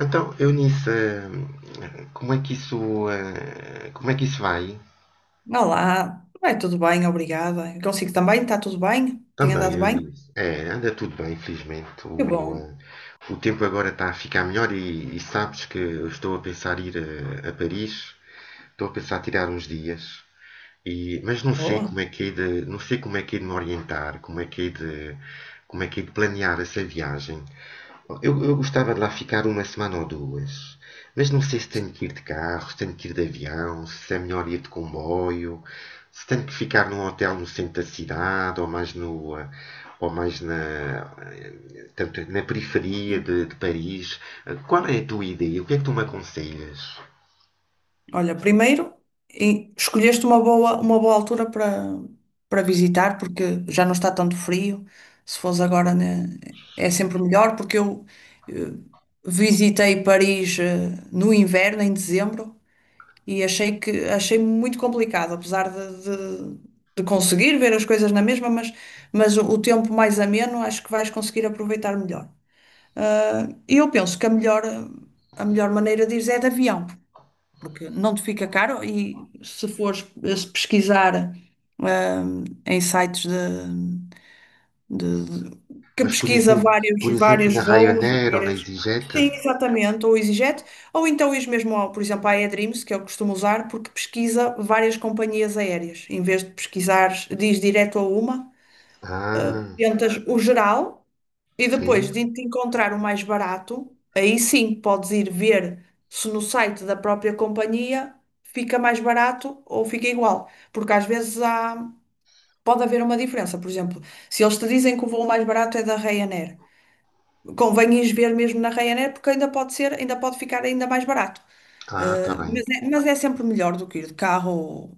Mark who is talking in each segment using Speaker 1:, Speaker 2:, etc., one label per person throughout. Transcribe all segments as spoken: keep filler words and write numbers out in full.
Speaker 1: Então, Eunice, eh, como é que isso, eh, como é que isso vai?
Speaker 2: Olá, vai tudo bem, obrigada. Eu consigo também, está tudo bem? Tem
Speaker 1: Também,
Speaker 2: andado bem?
Speaker 1: Eunice. É, anda tudo bem, felizmente.
Speaker 2: Que bom,
Speaker 1: O, eh, o tempo agora está a ficar melhor e, e sabes que eu estou a pensar ir a, a Paris. Estou a pensar tirar uns dias. E, mas não sei
Speaker 2: boa.
Speaker 1: como é que é de, não sei como é que é de me orientar, como é que é de, como é que é de planear essa viagem. Eu, eu gostava de lá ficar uma semana ou duas, mas não sei se tenho que ir de carro, se tenho que ir de avião, se é melhor ir de comboio, se tenho que ficar num hotel no centro da cidade ou mais no, eh, ou mais na, eh, tanto na periferia de, de Paris. Eh, Qual é a tua ideia? O que é que tu me aconselhas?
Speaker 2: Olha, primeiro, e- escolheste uma boa, uma boa altura para, para visitar, porque já não está tanto frio. Se fosse agora, né, é sempre melhor, porque eu eh, visitei Paris eh, no inverno, em dezembro. E achei que achei muito complicado, apesar de, de, de conseguir ver as coisas na mesma, mas, mas o, o tempo mais ameno acho que vais conseguir aproveitar melhor. Ah, E eu penso que a melhor, a melhor maneira de ir é de avião, porque não te fica caro e se fores eh, se pesquisar ah, em sites de- de- que
Speaker 1: Mas, por
Speaker 2: pesquisa
Speaker 1: exemplo,
Speaker 2: vários,
Speaker 1: por exemplo,
Speaker 2: vários
Speaker 1: na
Speaker 2: voos,
Speaker 1: Ryanair ou na
Speaker 2: vários...
Speaker 1: EasyJet?
Speaker 2: Sim, exatamente, ou EasyJet, ou então ir mesmo, ao, por exemplo, à AirDreams, que eu costumo usar, porque pesquisa várias companhias aéreas. Em vez de pesquisar, diz direto a uma,
Speaker 1: Ah,
Speaker 2: tentas o geral e
Speaker 1: sim.
Speaker 2: depois de te encontrar o mais barato, aí sim podes ir ver se no site da própria companhia fica mais barato ou fica igual. Porque às vezes há, pode haver uma diferença. Por exemplo, se eles te dizem que o voo mais barato é da Ryanair. Convém ires ver mesmo na Ryanair, porque ainda pode ser, ainda pode ficar ainda mais barato.
Speaker 1: Ah, tá
Speaker 2: Eh,
Speaker 1: bem.
Speaker 2: mas é, mas é sempre melhor do que ir de carro.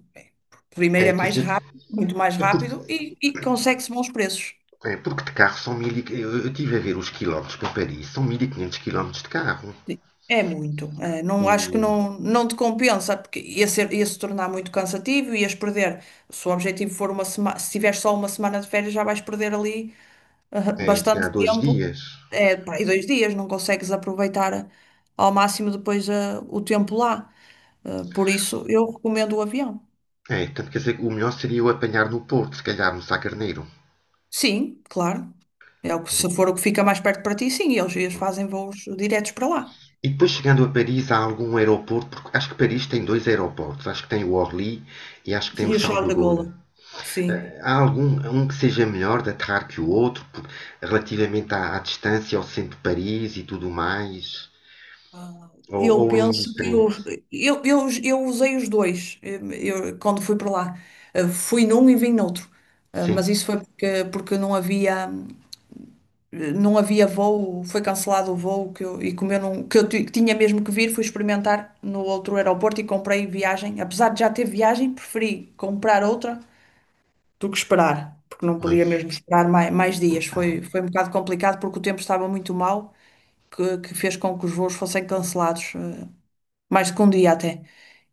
Speaker 2: Primeiro
Speaker 1: É,
Speaker 2: é
Speaker 1: quer
Speaker 2: mais
Speaker 1: dizer,
Speaker 2: rápido, muito mais
Speaker 1: é porque,
Speaker 2: rápido e, e consegue-se bons preços.
Speaker 1: é porque de carro são mil. e- eu, eu tive a ver os quilómetros para Paris, são mil e quinhentos quilómetros de carro.
Speaker 2: Sim. É muito. Eh, não acho que
Speaker 1: O,
Speaker 2: não, não te compensa, porque ia ser, ia se tornar muito cansativo, ias perder. Se o objetivo for uma semana, se tiveres só uma semana de férias, já vais perder ali ah,
Speaker 1: É, se
Speaker 2: bastante
Speaker 1: calhar dois
Speaker 2: tempo,
Speaker 1: dias.
Speaker 2: é, pá, e dois dias, não consegues aproveitar eh, ao máximo depois ah, o tempo lá. Ah, por isso, eu recomendo o avião.
Speaker 1: É, portanto, quer dizer, o melhor seria eu apanhar no Porto, se calhar no Sá Carneiro.
Speaker 2: Sim, claro. É o que, se for o que fica mais perto para ti, sim, eles, eles fazem voos diretos para lá.
Speaker 1: E depois chegando a Paris, há algum aeroporto, porque acho que Paris tem dois aeroportos, acho que tem o Orly e acho que tem o
Speaker 2: E o
Speaker 1: Charles
Speaker 2: Charles
Speaker 1: de
Speaker 2: de
Speaker 1: Gaulle.
Speaker 2: Gaulle. Sim.
Speaker 1: Há algum um que seja melhor de aterrar que o outro, por- relativamente à, à distância ao centro de Paris e tudo mais? Ou,
Speaker 2: Eu
Speaker 1: ou é
Speaker 2: penso que eu,
Speaker 1: indiferente.
Speaker 2: eu, eu, eu usei os dois eu, eu- quando fui para lá. Eh, Fui num e vim noutro. Eh, Mas
Speaker 1: Sim,
Speaker 2: isso foi porque, porque não havia. eh, não havia voo, foi cancelado o voo que eu, e como eu não, que eu ti- que tinha mesmo que vir, fui experimentar no outro aeroporto e comprei viagem. Apesar de já ter viagem, preferi comprar outra do que esperar, porque não podia
Speaker 1: pois.
Speaker 2: mesmo esperar mais, mais dias. Foi, foi um bocado complicado porque o tempo estava muito mau, que, que fez com que os voos fossem cancelados, eh, mais do que um dia até.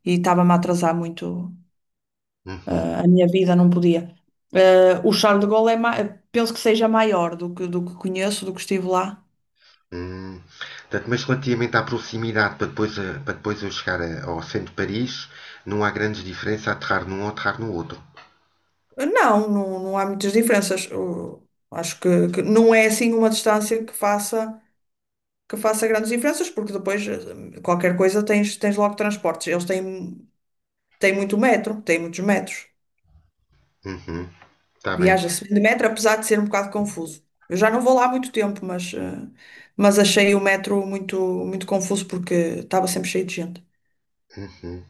Speaker 2: E estava-me a atrasar muito,
Speaker 1: Uhum.
Speaker 2: eh, a minha vida não podia. Eh, o Charles de Gaulle é ma- penso que seja maior do que, do que conheço, do que estive lá.
Speaker 1: Hum. Portanto, mas relativamente à proximidade, para depois, eh, para depois eu chegar a- ao centro de Paris, não há grandes diferenças a aterrar num ou aterrar no outro.
Speaker 2: Não, não, não há muitas diferenças. O- acho que, que não é assim uma distância que faça, que faça grandes diferenças, porque depois eh, qualquer coisa tens, tens logo transportes. Eles têm, têm muito metro, têm muitos metros.
Speaker 1: Uhum. Está bem.
Speaker 2: Viaja-se de metro, apesar de ser um bocado confuso. Eu já não vou lá há muito tempo, mas, eh, mas achei o metro muito, muito confuso porque estava sempre cheio de gente.
Speaker 1: Uhum.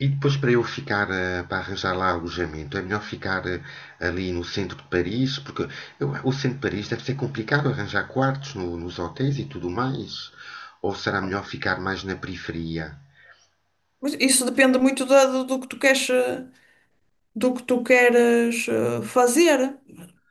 Speaker 1: E depois para eu ficar, eh, para arranjar lá alojamento, é melhor ficar eh, ali no centro de Paris, porque eu- o centro de Paris deve ser complicado arranjar quartos no- nos hotéis e tudo mais. Ou será melhor ficar mais na periferia?
Speaker 2: Mas isso depende muito da- do, do que tu queres, eh, do que tu queres eh, fazer.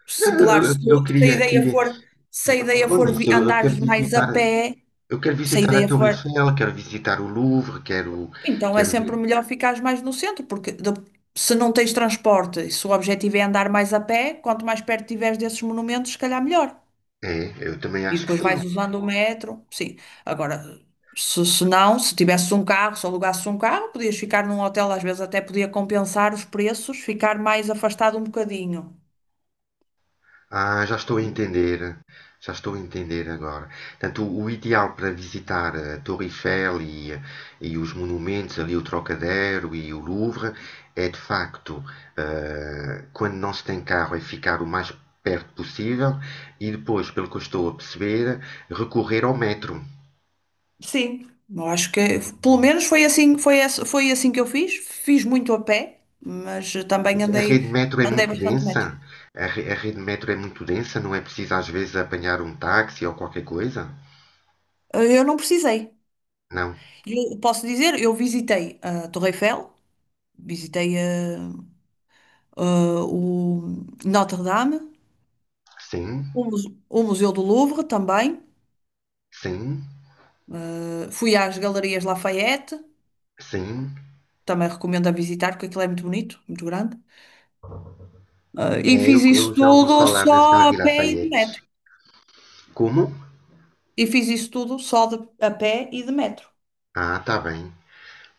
Speaker 2: Se,
Speaker 1: Não,
Speaker 2: claro,
Speaker 1: eu, eu-
Speaker 2: se, tu-
Speaker 1: eu
Speaker 2: se a
Speaker 1: queria,
Speaker 2: ideia
Speaker 1: queria,
Speaker 2: for, se a ideia
Speaker 1: não
Speaker 2: for
Speaker 1: nisso,
Speaker 2: vi-
Speaker 1: eu, eu quero
Speaker 2: andares mais a
Speaker 1: visitar,
Speaker 2: pé,
Speaker 1: eu quero
Speaker 2: se a
Speaker 1: visitar a
Speaker 2: ideia
Speaker 1: Torre
Speaker 2: for,
Speaker 1: Eiffel, quero visitar o Louvre, quero,
Speaker 2: então é
Speaker 1: quero
Speaker 2: sempre
Speaker 1: ver.
Speaker 2: melhor ficares mais no centro, porque de- se não tens transporte, e se o objetivo é andar mais a pé, quanto mais perto tiveres desses monumentos, se calhar melhor.
Speaker 1: É, eu também
Speaker 2: E
Speaker 1: acho que
Speaker 2: depois
Speaker 1: sim.
Speaker 2: vais usando o metro, sim. Agora, se, se não, se tivesses um carro, se alugasses um carro, podias ficar num hotel, às vezes até podia compensar os preços, ficar mais afastado um bocadinho.
Speaker 1: Ah, já estou a entender. Já estou a entender agora. Portanto, o, o ideal para visitar a Torre Eiffel e, e os monumentos, ali o Trocadéro e o Louvre, é de facto, ah, quando não se tem carro, é ficar o mais perto possível e depois, pelo que eu estou a perceber, recorrer ao metro.
Speaker 2: Sim, eu acho que pelo menos foi assim, foi, esse- foi assim que eu fiz. Fiz muito a pé, mas também
Speaker 1: A
Speaker 2: andei,
Speaker 1: rede metro é
Speaker 2: andei
Speaker 1: muito
Speaker 2: bastante metro.
Speaker 1: densa? A, re- a rede metro é muito densa? Não é preciso às vezes apanhar um táxi ou qualquer coisa?
Speaker 2: Eu não precisei.
Speaker 1: Não.
Speaker 2: Eu posso dizer, eu visitei a Torre Eiffel, visitei a, a- o Notre Dame,
Speaker 1: Sim,
Speaker 2: o Muse- o Museu do Louvre também.
Speaker 1: sim,
Speaker 2: Eh, fui às Galerias Lafayette,
Speaker 1: sim.
Speaker 2: também recomendo a visitar, porque aquilo é muito bonito, muito grande. Eh, e
Speaker 1: É,
Speaker 2: fiz
Speaker 1: eu,
Speaker 2: isso
Speaker 1: eu já ouvi
Speaker 2: tudo
Speaker 1: falar nas
Speaker 2: só a
Speaker 1: Galeries
Speaker 2: pé e de metro.
Speaker 1: Lafayette. Como?
Speaker 2: E fiz isso tudo só de- a pé e de metro.
Speaker 1: Ah, tá bem.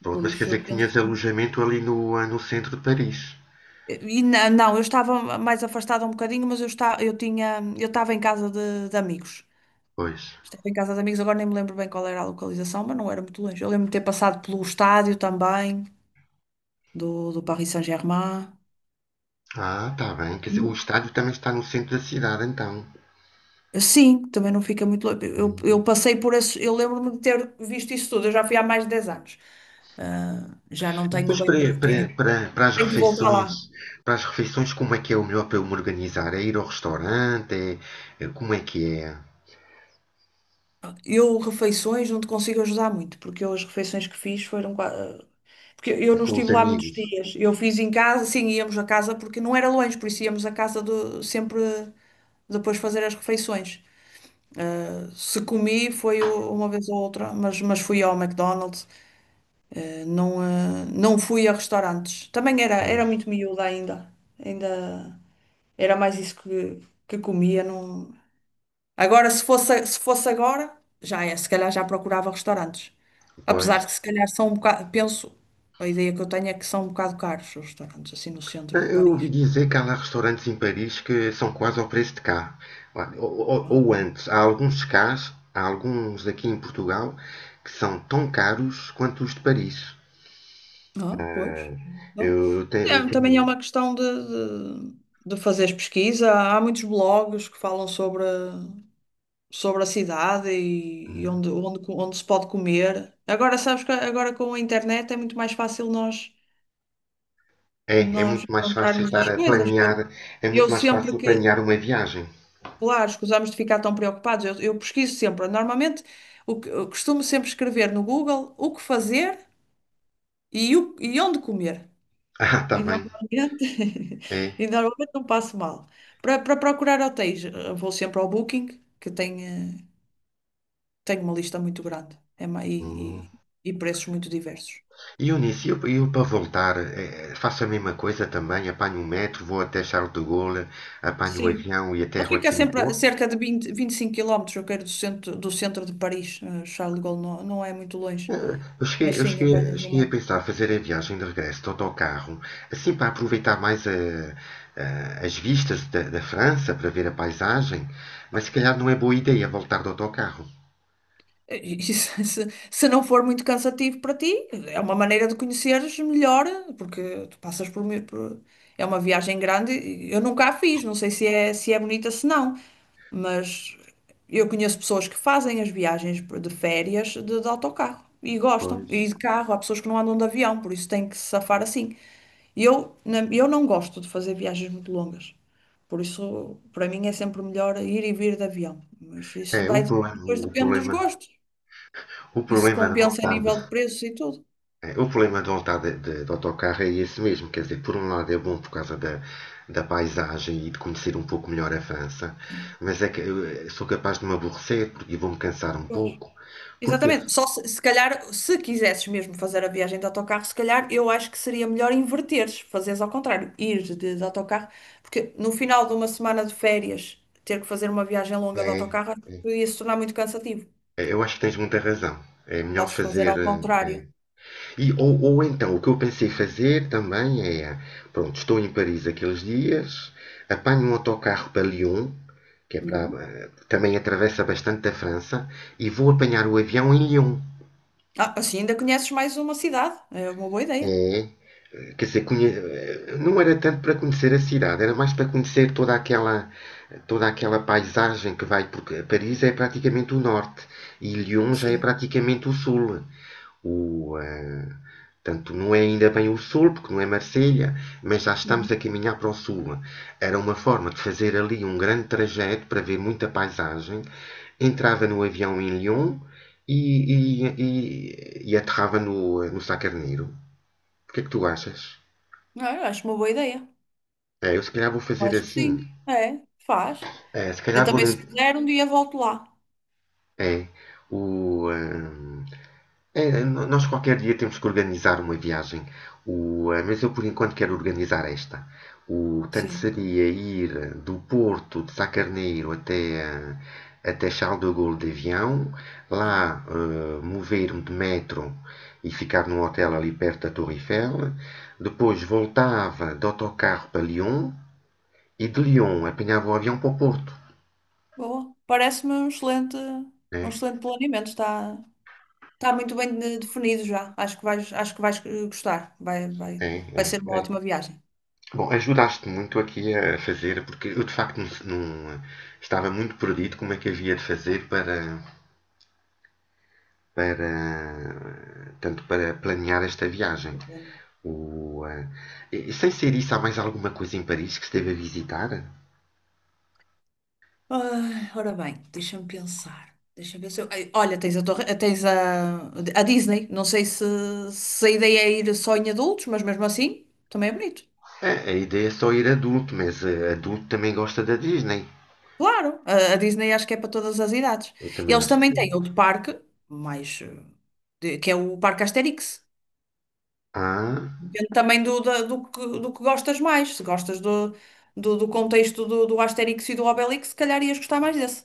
Speaker 1: Pronto,
Speaker 2: Por
Speaker 1: mas quer
Speaker 2: isso
Speaker 1: dizer
Speaker 2: eu
Speaker 1: que
Speaker 2: penso
Speaker 1: tinhas
Speaker 2: que...
Speaker 1: alojamento ali no, ah, no centro de Paris.
Speaker 2: E na- não, eu estava mais afastada um bocadinho, mas eu, está, eu tinha, eu estava em casa de, de amigos.
Speaker 1: Pois.
Speaker 2: Estava em casa de amigos, agora nem me lembro bem qual era a localização, mas não era muito longe. Eu lembro-me de ter passado pelo estádio também, do, do Paris Saint-Germain.
Speaker 1: Ah, tá bem. Quer dizer, o estádio também está no centro da cidade, então.
Speaker 2: Sim, também não fica muito longe. Eu,
Speaker 1: Hum.
Speaker 2: eu passei por isso eu lembro-me de ter visto isso tudo, eu já fui há mais de dez anos. Ah, já não
Speaker 1: E
Speaker 2: tenho
Speaker 1: depois
Speaker 2: bem,
Speaker 1: para,
Speaker 2: pre-
Speaker 1: para,
Speaker 2: tenho,
Speaker 1: para, para as
Speaker 2: Tenho que voltar lá.
Speaker 1: refeições, para as refeições, como é que é o melhor para eu me organizar? É ir ao restaurante? É, é- como é que é?
Speaker 2: Eu, refeições, não te consigo ajudar muito, porque eu, as refeições que fiz foram. qua- ah, Porque eu
Speaker 1: É
Speaker 2: não
Speaker 1: com os
Speaker 2: estive lá muitos
Speaker 1: amigos?
Speaker 2: dias. Eu fiz em casa, sim, íamos a casa, porque não era longe, por isso íamos a casa do, sempre depois fazer as refeições. Se comi, foi u- uma vez ou outra, mas, mas fui ao McDonald's. Não, eh, não fui a restaurantes. Também era, era
Speaker 1: Pois,
Speaker 2: muito miúda ainda. Ainda era mais isso que, que comia. Não... Agora, se fosse, se fosse agora, já é, se calhar já procurava restaurantes. Apesar
Speaker 1: pois.
Speaker 2: de se calhar são um bocado, penso, a ideia que eu tenho é que são um bocado caros os restaurantes, assim no centro de
Speaker 1: Eh, Eu ouvi
Speaker 2: Paris.
Speaker 1: dizer que há lá restaurantes em Paris que são quase ao preço de cá. Olha, Ou, ou-
Speaker 2: Ah,
Speaker 1: ou
Speaker 2: bom.
Speaker 1: antes, há alguns cás, há alguns aqui em Portugal que são tão caros quanto os de Paris.
Speaker 2: Ah, pois.
Speaker 1: Ah,
Speaker 2: Não.
Speaker 1: eu tenho, eu
Speaker 2: É, também é
Speaker 1: tenho-
Speaker 2: uma questão de, de, de fazeres pesquisa. Há muitos blogs que falam sobre. sobre a cidade e, e
Speaker 1: um.
Speaker 2: onde, onde, co- onde se pode comer. Agora, sabes que agora com a internet é muito mais fácil nós,
Speaker 1: É, é
Speaker 2: nós
Speaker 1: muito mais fácil
Speaker 2: encontrarmos
Speaker 1: estar
Speaker 2: as
Speaker 1: a
Speaker 2: coisas.
Speaker 1: planear,
Speaker 2: Eu,
Speaker 1: é muito
Speaker 2: eu
Speaker 1: mais
Speaker 2: sempre
Speaker 1: fácil
Speaker 2: que,
Speaker 1: planear uma viagem.
Speaker 2: claro, escusamos de ficar tão preocupados, eu, eu pesquiso sempre. Normalmente, o que, eu costumo sempre escrever no Google o que fazer e, o, e onde comer.
Speaker 1: Ah, tá
Speaker 2: E
Speaker 1: bem.
Speaker 2: normalmente,
Speaker 1: É.
Speaker 2: e normalmente não passo mal. Para, para procurar hotéis, eu vou sempre ao Booking, que tem. eh, Tenho uma lista muito grande é ma-
Speaker 1: Hum.
Speaker 2: e, e, e preços muito diversos.
Speaker 1: E Eunice, eu, eu para voltar, eh, faço a mesma coisa também, apanho o metro, vou até Charles de Gaulle, apanho o
Speaker 2: Sim.
Speaker 1: avião e
Speaker 2: Ele
Speaker 1: aterro
Speaker 2: fica
Speaker 1: aqui no
Speaker 2: sempre a
Speaker 1: Porto.
Speaker 2: cerca de vinte, vinte e cinco quilómetros. Eu quero, do centro, do centro de Paris. eh, Charles de Gaulle não, não é muito longe,
Speaker 1: Eh, Eu cheguei,
Speaker 2: mas
Speaker 1: eu
Speaker 2: sim,
Speaker 1: cheguei, eu
Speaker 2: apanhas o
Speaker 1: cheguei a
Speaker 2: metro.
Speaker 1: pensar fazer a viagem de regresso de autocarro, assim para aproveitar mais eh, eh, as vistas da, da França, para ver a paisagem, mas se calhar não é boa ideia voltar de autocarro.
Speaker 2: É, E se, se- se não for muito cansativo para ti, é uma maneira de conheceres melhor, porque tu passas por, mi- por- É uma viagem grande, e eu nunca a fiz, não sei se é, se é bonita, se não, mas eu conheço pessoas que fazem as viagens de férias de, de autocarro e gostam,
Speaker 1: Pois.
Speaker 2: e de carro, há pessoas que não andam de avião, por isso têm que se safar assim. Eu, na- eu não gosto de fazer viagens muito longas, por isso para mim é sempre melhor ir e vir de avião, mas isso
Speaker 1: É,
Speaker 2: vai
Speaker 1: o problema,
Speaker 2: depois
Speaker 1: o
Speaker 2: depende dos
Speaker 1: problema,
Speaker 2: gostos.
Speaker 1: o
Speaker 2: Isso
Speaker 1: problema de
Speaker 2: compensa a
Speaker 1: voltar de,
Speaker 2: nível de preços e tudo.
Speaker 1: é, o problema de voltar de, de- de autocarro é esse mesmo, quer dizer, por um lado é bom por causa da, da paisagem e de conhecer um pouco melhor a França,
Speaker 2: E,
Speaker 1: mas é que eu eh, sou capaz de me aborrecer porque- e vou-me cansar um
Speaker 2: Pois.
Speaker 1: pouco, porque
Speaker 2: Exatamente. Só se, se calhar, se quisesses mesmo fazer a viagem de autocarro, se calhar eu acho que seria melhor inverteres, fazeres ao contrário, ir de, de autocarro, porque no final de uma semana de férias, ter que fazer uma viagem longa de
Speaker 1: é,
Speaker 2: autocarro
Speaker 1: é,
Speaker 2: ia se tornar muito cansativo.
Speaker 1: é, eu acho que tens muita razão. É melhor
Speaker 2: Podes fazer
Speaker 1: fazer.
Speaker 2: ao
Speaker 1: eh, é.
Speaker 2: contrário.
Speaker 1: E, ou, ou então, o que eu pensei fazer também é: pronto, estou em Paris aqueles dias, apanho um autocarro para Lyon, que é para,
Speaker 2: Uhum.
Speaker 1: eh, também atravessa bastante a França, e vou apanhar o avião em Lyon.
Speaker 2: Ah, assim ainda conheces mais uma cidade. É uma boa ideia.
Speaker 1: É, quer dizer, conhe- eh, não era tanto para conhecer a cidade, era mais para conhecer toda aquela, toda aquela paisagem que vai, porque Paris é praticamente o norte e Lyon já é
Speaker 2: Sim.
Speaker 1: praticamente o sul. O, eh, Tanto não é ainda bem o sul, porque não é Marselha, mas já estamos
Speaker 2: Uhum.
Speaker 1: a caminhar para o sul. Era uma forma de fazer ali um grande trajeto para ver muita paisagem. Entrava no avião em Lyon e, e, e, e aterrava no, no Sá Carneiro. O que é que tu achas?
Speaker 2: Ah, eu acho uma boa ideia.
Speaker 1: É, eu se calhar vou fazer
Speaker 2: Acho que
Speaker 1: assim.
Speaker 2: sim. É, faz.
Speaker 1: É, se
Speaker 2: Eu
Speaker 1: calhar vou.
Speaker 2: também, se puder, um dia volto lá.
Speaker 1: É, o, hum, é, nós qualquer dia temos que organizar uma viagem. O, ah, mas eu por enquanto quero organizar esta. O Tanto
Speaker 2: Sim.
Speaker 1: seria ir do Porto de Sacarneiro até, ah, até Charles de Gaulle de avião, lá ah, mover-me de metro e ficar num hotel ali perto da Torre Eiffel. Depois voltava de autocarro para Lyon, e de Lyon apanhava o avião para o Porto,
Speaker 2: Boa. Parece-me um excelente, um
Speaker 1: né?
Speaker 2: excelente planeamento. Está, está muito bem de- definido já. Acho que vais, acho que vais eh, gostar. Vai, vai,
Speaker 1: É,
Speaker 2: vai
Speaker 1: é,
Speaker 2: ser uma ótima
Speaker 1: é.
Speaker 2: viagem.
Speaker 1: Bom, ajudaste muito aqui a fazer, porque eu de facto não, não- estava muito perdido como é que havia de fazer para, para tanto para planear esta viagem. O, eh, e- Sem ser isso, há mais alguma coisa em Paris que esteve a visitar?
Speaker 2: Ai, ora bem, deixa-me pensar. Deixa-me pensar. Ai, olha, tens a torre, tens a, a Disney. Não sei se, se a ideia é ir só em adultos, mas mesmo assim também é bonito.
Speaker 1: É, a ideia é só ir adulto, mas eh, adulto também gosta da Disney.
Speaker 2: Claro, a, a Disney acho que é para todas as idades.
Speaker 1: Eu
Speaker 2: E
Speaker 1: também
Speaker 2: eles
Speaker 1: acho que
Speaker 2: também têm
Speaker 1: sim.
Speaker 2: outro parque, mais, eh, de- que é o Parque Asterix.
Speaker 1: Ah,
Speaker 2: Depende também do, da- do, que, do que gostas mais. Se gostas do, do, do contexto do, do Asterix e do Obelix, se calhar ias gostar mais desse.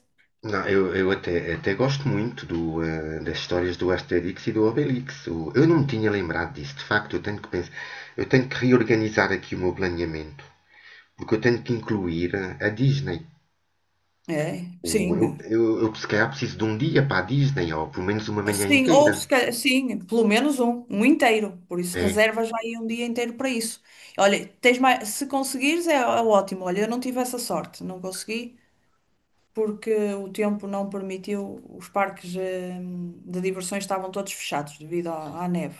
Speaker 1: não, eu, eu até, até gosto muito do, eh, das histórias do Asterix e do Obelix. O- eu não me tinha lembrado disso. De facto, eu tenho que pensar, eu tenho que reorganizar aqui o meu planeamento, porque eu tenho que incluir eh, a Disney.
Speaker 2: É,
Speaker 1: O- eu,
Speaker 2: sim.
Speaker 1: eu, eu se calhar preciso de um dia para a Disney, ou pelo menos uma manhã
Speaker 2: Sim, ou se
Speaker 1: inteira.
Speaker 2: calhar, sim, pelo menos um, um inteiro. Por isso,
Speaker 1: É,
Speaker 2: reservas já aí um dia inteiro para isso. Olha, tens mais, se conseguires é, é ótimo. Olha, eu não tive essa sorte, não consegui, porque o tempo não permitiu, os parques eh, de diversões estavam todos fechados devido à à neve.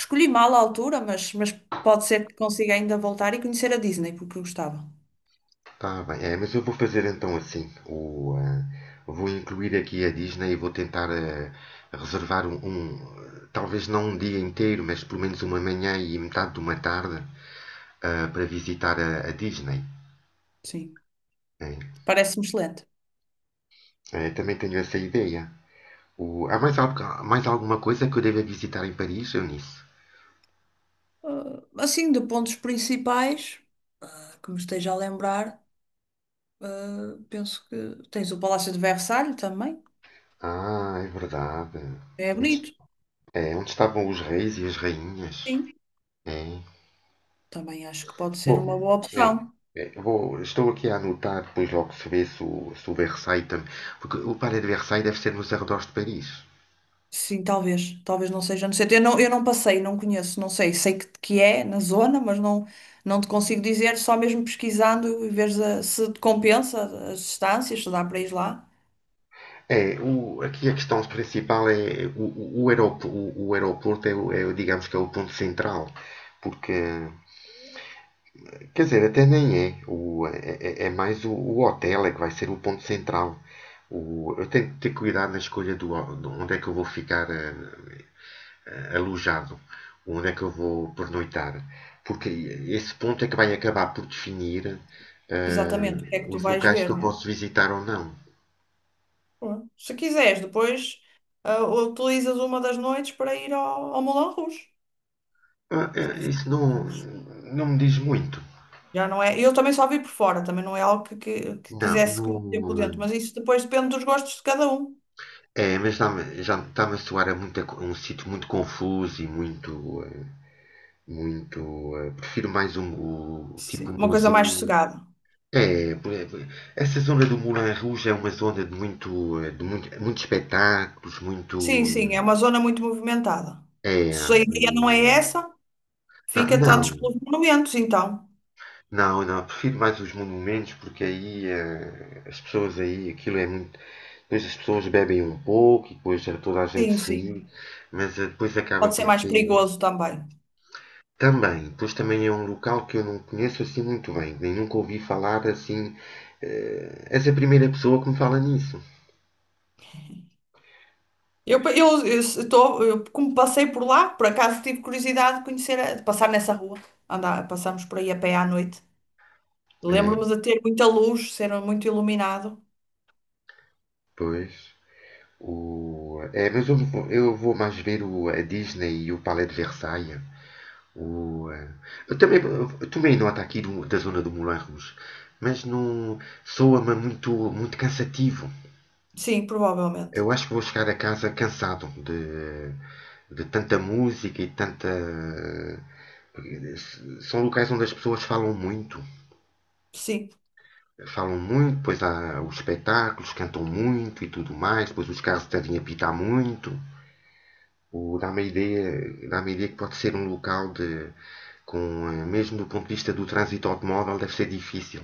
Speaker 2: Escolhi mal a altura, mas, mas pode ser que consiga ainda voltar e conhecer a Disney, porque eu gostava.
Speaker 1: tá bem. É, mas eu vou fazer então assim. O, eh, vou incluir aqui a Disney e vou tentar eh, reservar um, um, talvez não um dia inteiro, mas pelo menos uma manhã e metade de uma tarde ah, para visitar a, a Disney.
Speaker 2: Sim,
Speaker 1: Né?
Speaker 2: parece-me excelente.
Speaker 1: Eh, também tenho essa ideia. O- há mais, algo- mais alguma coisa que eu deva visitar em Paris, Eunice?
Speaker 2: Ah, assim, de pontos principais, que me esteja a lembrar, ah, penso que tens o Palácio de Versalhes também.
Speaker 1: Ah, é verdade.
Speaker 2: É bonito,
Speaker 1: É, onde estavam os reis e as rainhas?
Speaker 2: sim.
Speaker 1: É.
Speaker 2: Também acho que pode ser
Speaker 1: Bom,
Speaker 2: uma boa
Speaker 1: é,
Speaker 2: opção.
Speaker 1: é, vou- estou aqui a anotar, depois logo se vê se o, se o Versailles também. Porque o Palais de Versailles deve ser nos arredores de Paris.
Speaker 2: Sim, talvez. Talvez não seja no centro. Eu não, eu não passei, não conheço, não sei. Sei que, que é na zona, mas não, não te consigo dizer. Só mesmo pesquisando e veres a- se te compensa as distâncias, se dá para ir lá.
Speaker 1: É, o- aqui a questão principal é o, o, o aeroporto, o, o aeroporto é, é digamos que é o ponto central, porque quer dizer, até nem é. O, é, é- é mais o, o hotel é que vai ser o ponto central. O- eu tenho que ter cuidado na escolha do, ho- onde é que eu vou ficar eh, eh, alojado, onde é que eu vou pernoitar, porque esse ponto é que vai acabar por definir
Speaker 2: Exatamente, o
Speaker 1: eh,
Speaker 2: que é que tu
Speaker 1: os
Speaker 2: vais
Speaker 1: locais que
Speaker 2: ver,
Speaker 1: eu
Speaker 2: não
Speaker 1: posso
Speaker 2: é?
Speaker 1: visitar ou não.
Speaker 2: Bom, se quiseres, depois ah, utilizas uma das noites para ir ao, ao Moulin Rouge.
Speaker 1: Ah,
Speaker 2: Se
Speaker 1: eh, isso não,
Speaker 2: quiseres.
Speaker 1: não me diz muito.
Speaker 2: Já não é. Eu também só vi por fora, também não é algo que, que, que
Speaker 1: Não,
Speaker 2: quisesse conhecer por dentro,
Speaker 1: não,
Speaker 2: mas isso depois depende dos gostos de cada um.
Speaker 1: eh, é, mas dá já está-me a soar a muita co- um sítio muito confuso e muito. eh, Muito. Eh, prefiro mais um o- tipo
Speaker 2: Sim. Uma coisa mais
Speaker 1: museu.
Speaker 2: sossegada.
Speaker 1: É, por- essa zona do Moulin Rouge é uma zona de muito, eh, de muito, muitos espetáculos, muito.
Speaker 2: Sim, sim, é uma zona muito movimentada.
Speaker 1: eh,
Speaker 2: Se
Speaker 1: É,
Speaker 2: a ideia não é
Speaker 1: o-
Speaker 2: essa,
Speaker 1: ah,
Speaker 2: fica
Speaker 1: não,
Speaker 2: tantos pelos monumentos, então.
Speaker 1: não, não, prefiro mais os monumentos porque aí eh, as pessoas aí, aquilo é muito. Depois as pessoas bebem um pouco e depois eh, toda a gente
Speaker 2: Sim,
Speaker 1: se ri,
Speaker 2: sim.
Speaker 1: mas eh, depois acaba
Speaker 2: Pode ser
Speaker 1: por
Speaker 2: mais
Speaker 1: ser.
Speaker 2: perigoso também.
Speaker 1: Também, pois também é um local que eu não conheço assim muito bem, nem nunca ouvi falar assim. eh, És a primeira pessoa que me fala nisso.
Speaker 2: Eu, eu, eu se- eu, Como passei por lá, por acaso tive curiosidade de conhecer, a- de passar nessa rua. Andar, passamos por aí a pé à noite.
Speaker 1: É,
Speaker 2: Lembro-me de ter muita luz, ser muito iluminado.
Speaker 1: pois. O, é, mas eu vou, eu vou mais ver o, a Disney e o Palais de Versailles. O, eh, eu também eu tomei nota aqui do- da zona do Moulin Rouge, mas não soa-me muito, muito cansativo.
Speaker 2: Sim, provavelmente.
Speaker 1: Eu acho que vou chegar a casa cansado de, de tanta música e tanta, são locais onde as pessoas falam muito.
Speaker 2: Sim.
Speaker 1: Falam muito, pois há os espetáculos, cantam muito e tudo mais, pois os carros devem apitar muito. O Dá-me a ideia, dá-me a ideia que pode ser um local de, com, eh, mesmo do ponto de vista do trânsito automóvel, deve ser difícil.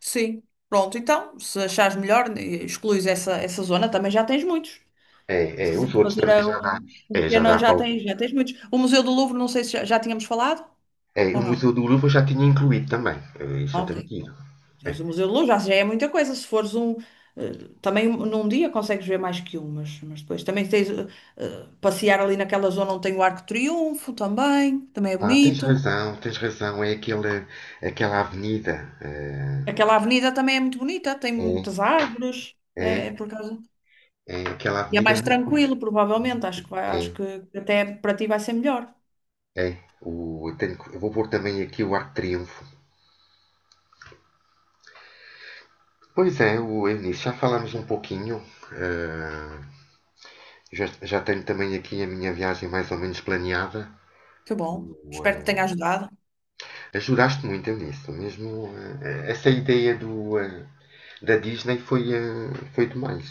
Speaker 2: Sim. Pronto, então, se achares melhor, eh, excluís essa, essa zona, também já tens muitos.
Speaker 1: É,
Speaker 2: Se
Speaker 1: é, os
Speaker 2: quiseres
Speaker 1: outros
Speaker 2: fazer
Speaker 1: também
Speaker 2: eh,
Speaker 1: já dá,
Speaker 2: um, um
Speaker 1: é, já
Speaker 2: pequeno,
Speaker 1: dá
Speaker 2: já
Speaker 1: para o,
Speaker 2: tens, já tens muitos. O Museu do Louvre, não sei se já, já tínhamos falado
Speaker 1: é,
Speaker 2: ou
Speaker 1: o Museu
Speaker 2: não.
Speaker 1: do Louvre eu já tinha incluído também, Eh, isso eu tenho
Speaker 2: Ok,
Speaker 1: que ir.
Speaker 2: pronto.
Speaker 1: É.
Speaker 2: Tens o Museu do Louvre, já, já é muita coisa. Se fores um. eh, Também um- num dia consegues ver mais que um, mas, mas depois também tens eh, eh, passear ali naquela zona onde tem o Arco de Triunfo também, também é
Speaker 1: Ah, tens
Speaker 2: bonito.
Speaker 1: razão, tens razão, é aquela, aquela avenida, eh,
Speaker 2: Aquela avenida também é muito bonita, tem
Speaker 1: é,
Speaker 2: muitas árvores,
Speaker 1: é,
Speaker 2: é, é por causa.
Speaker 1: é, aquela
Speaker 2: E é
Speaker 1: avenida
Speaker 2: mais
Speaker 1: é muito, co-
Speaker 2: tranquilo, provavelmente.
Speaker 1: muito co-
Speaker 2: Acho que vai, acho
Speaker 1: é,
Speaker 2: que até para ti vai ser melhor.
Speaker 1: é, o, eu, tenho que- eu vou pôr também aqui o Arco de Triunfo. Pois é, o Eunice, já falámos um pouquinho. eh, já, já tenho também aqui a minha viagem mais ou menos planeada.
Speaker 2: Que bom.
Speaker 1: O,
Speaker 2: Espero que
Speaker 1: eh,
Speaker 2: tenha ajudado.
Speaker 1: Ajudaste muito, Eunice. Mesmo, eh, essa ideia do, eh, da Disney foi, eh, foi demais.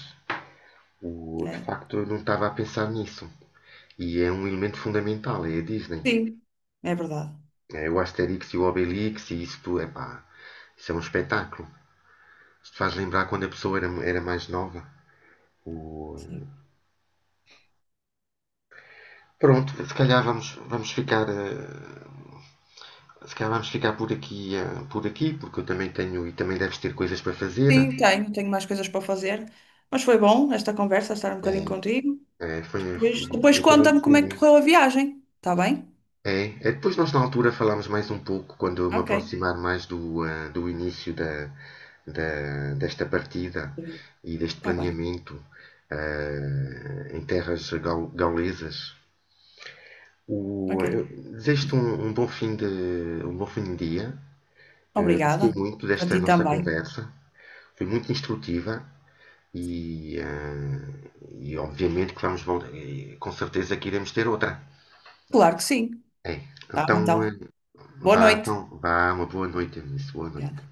Speaker 1: O, de
Speaker 2: É.
Speaker 1: facto, eu não estava a pensar nisso. E é um elemento fundamental, é a Disney.
Speaker 2: Sim, é verdade.
Speaker 1: É o Asterix e o Obelix e isso tudo, epá, isso é um espetáculo. Isto faz lembrar quando a pessoa era, era mais nova. O,
Speaker 2: Sim.
Speaker 1: Pronto, se calhar vamos, vamos ficar. Eh, se calhar vamos ficar por aqui, eh, por aqui, porque eu também tenho e também deves ter coisas para fazer.
Speaker 2: Sim, tenho, tenho mais coisas para fazer. Mas foi bom esta conversa, estar um bocadinho
Speaker 1: É,
Speaker 2: contigo.
Speaker 1: é, foi, foi-
Speaker 2: Depois, depois
Speaker 1: eu também
Speaker 2: conta-me
Speaker 1: gostei
Speaker 2: como é que
Speaker 1: muito.
Speaker 2: correu a viagem. Está bem?
Speaker 1: É, é, depois nós na altura falámos mais um pouco quando eu me
Speaker 2: Ok.
Speaker 1: aproximar mais do, ah, do início da, da- desta partida e deste
Speaker 2: Está bem.
Speaker 1: planeamento ah, em terras gau- gaulesas. O, eu
Speaker 2: Ok.
Speaker 1: desejo-te um, um bom fim de, um bom fim de dia. Eh, gostei
Speaker 2: Obrigada.
Speaker 1: muito
Speaker 2: Para
Speaker 1: desta
Speaker 2: ti
Speaker 1: nossa
Speaker 2: também.
Speaker 1: conversa. Foi muito instrutiva
Speaker 2: Sim.
Speaker 1: e, eh, e obviamente que vamos voltar, e com certeza que iremos ter outra.
Speaker 2: Claro que sim.
Speaker 1: É,
Speaker 2: Tá,
Speaker 1: então,
Speaker 2: então.
Speaker 1: eh,
Speaker 2: Boa
Speaker 1: vá,
Speaker 2: noite.
Speaker 1: então, vá, uma boa noite, Eunice. Boa noite.
Speaker 2: Obrigada.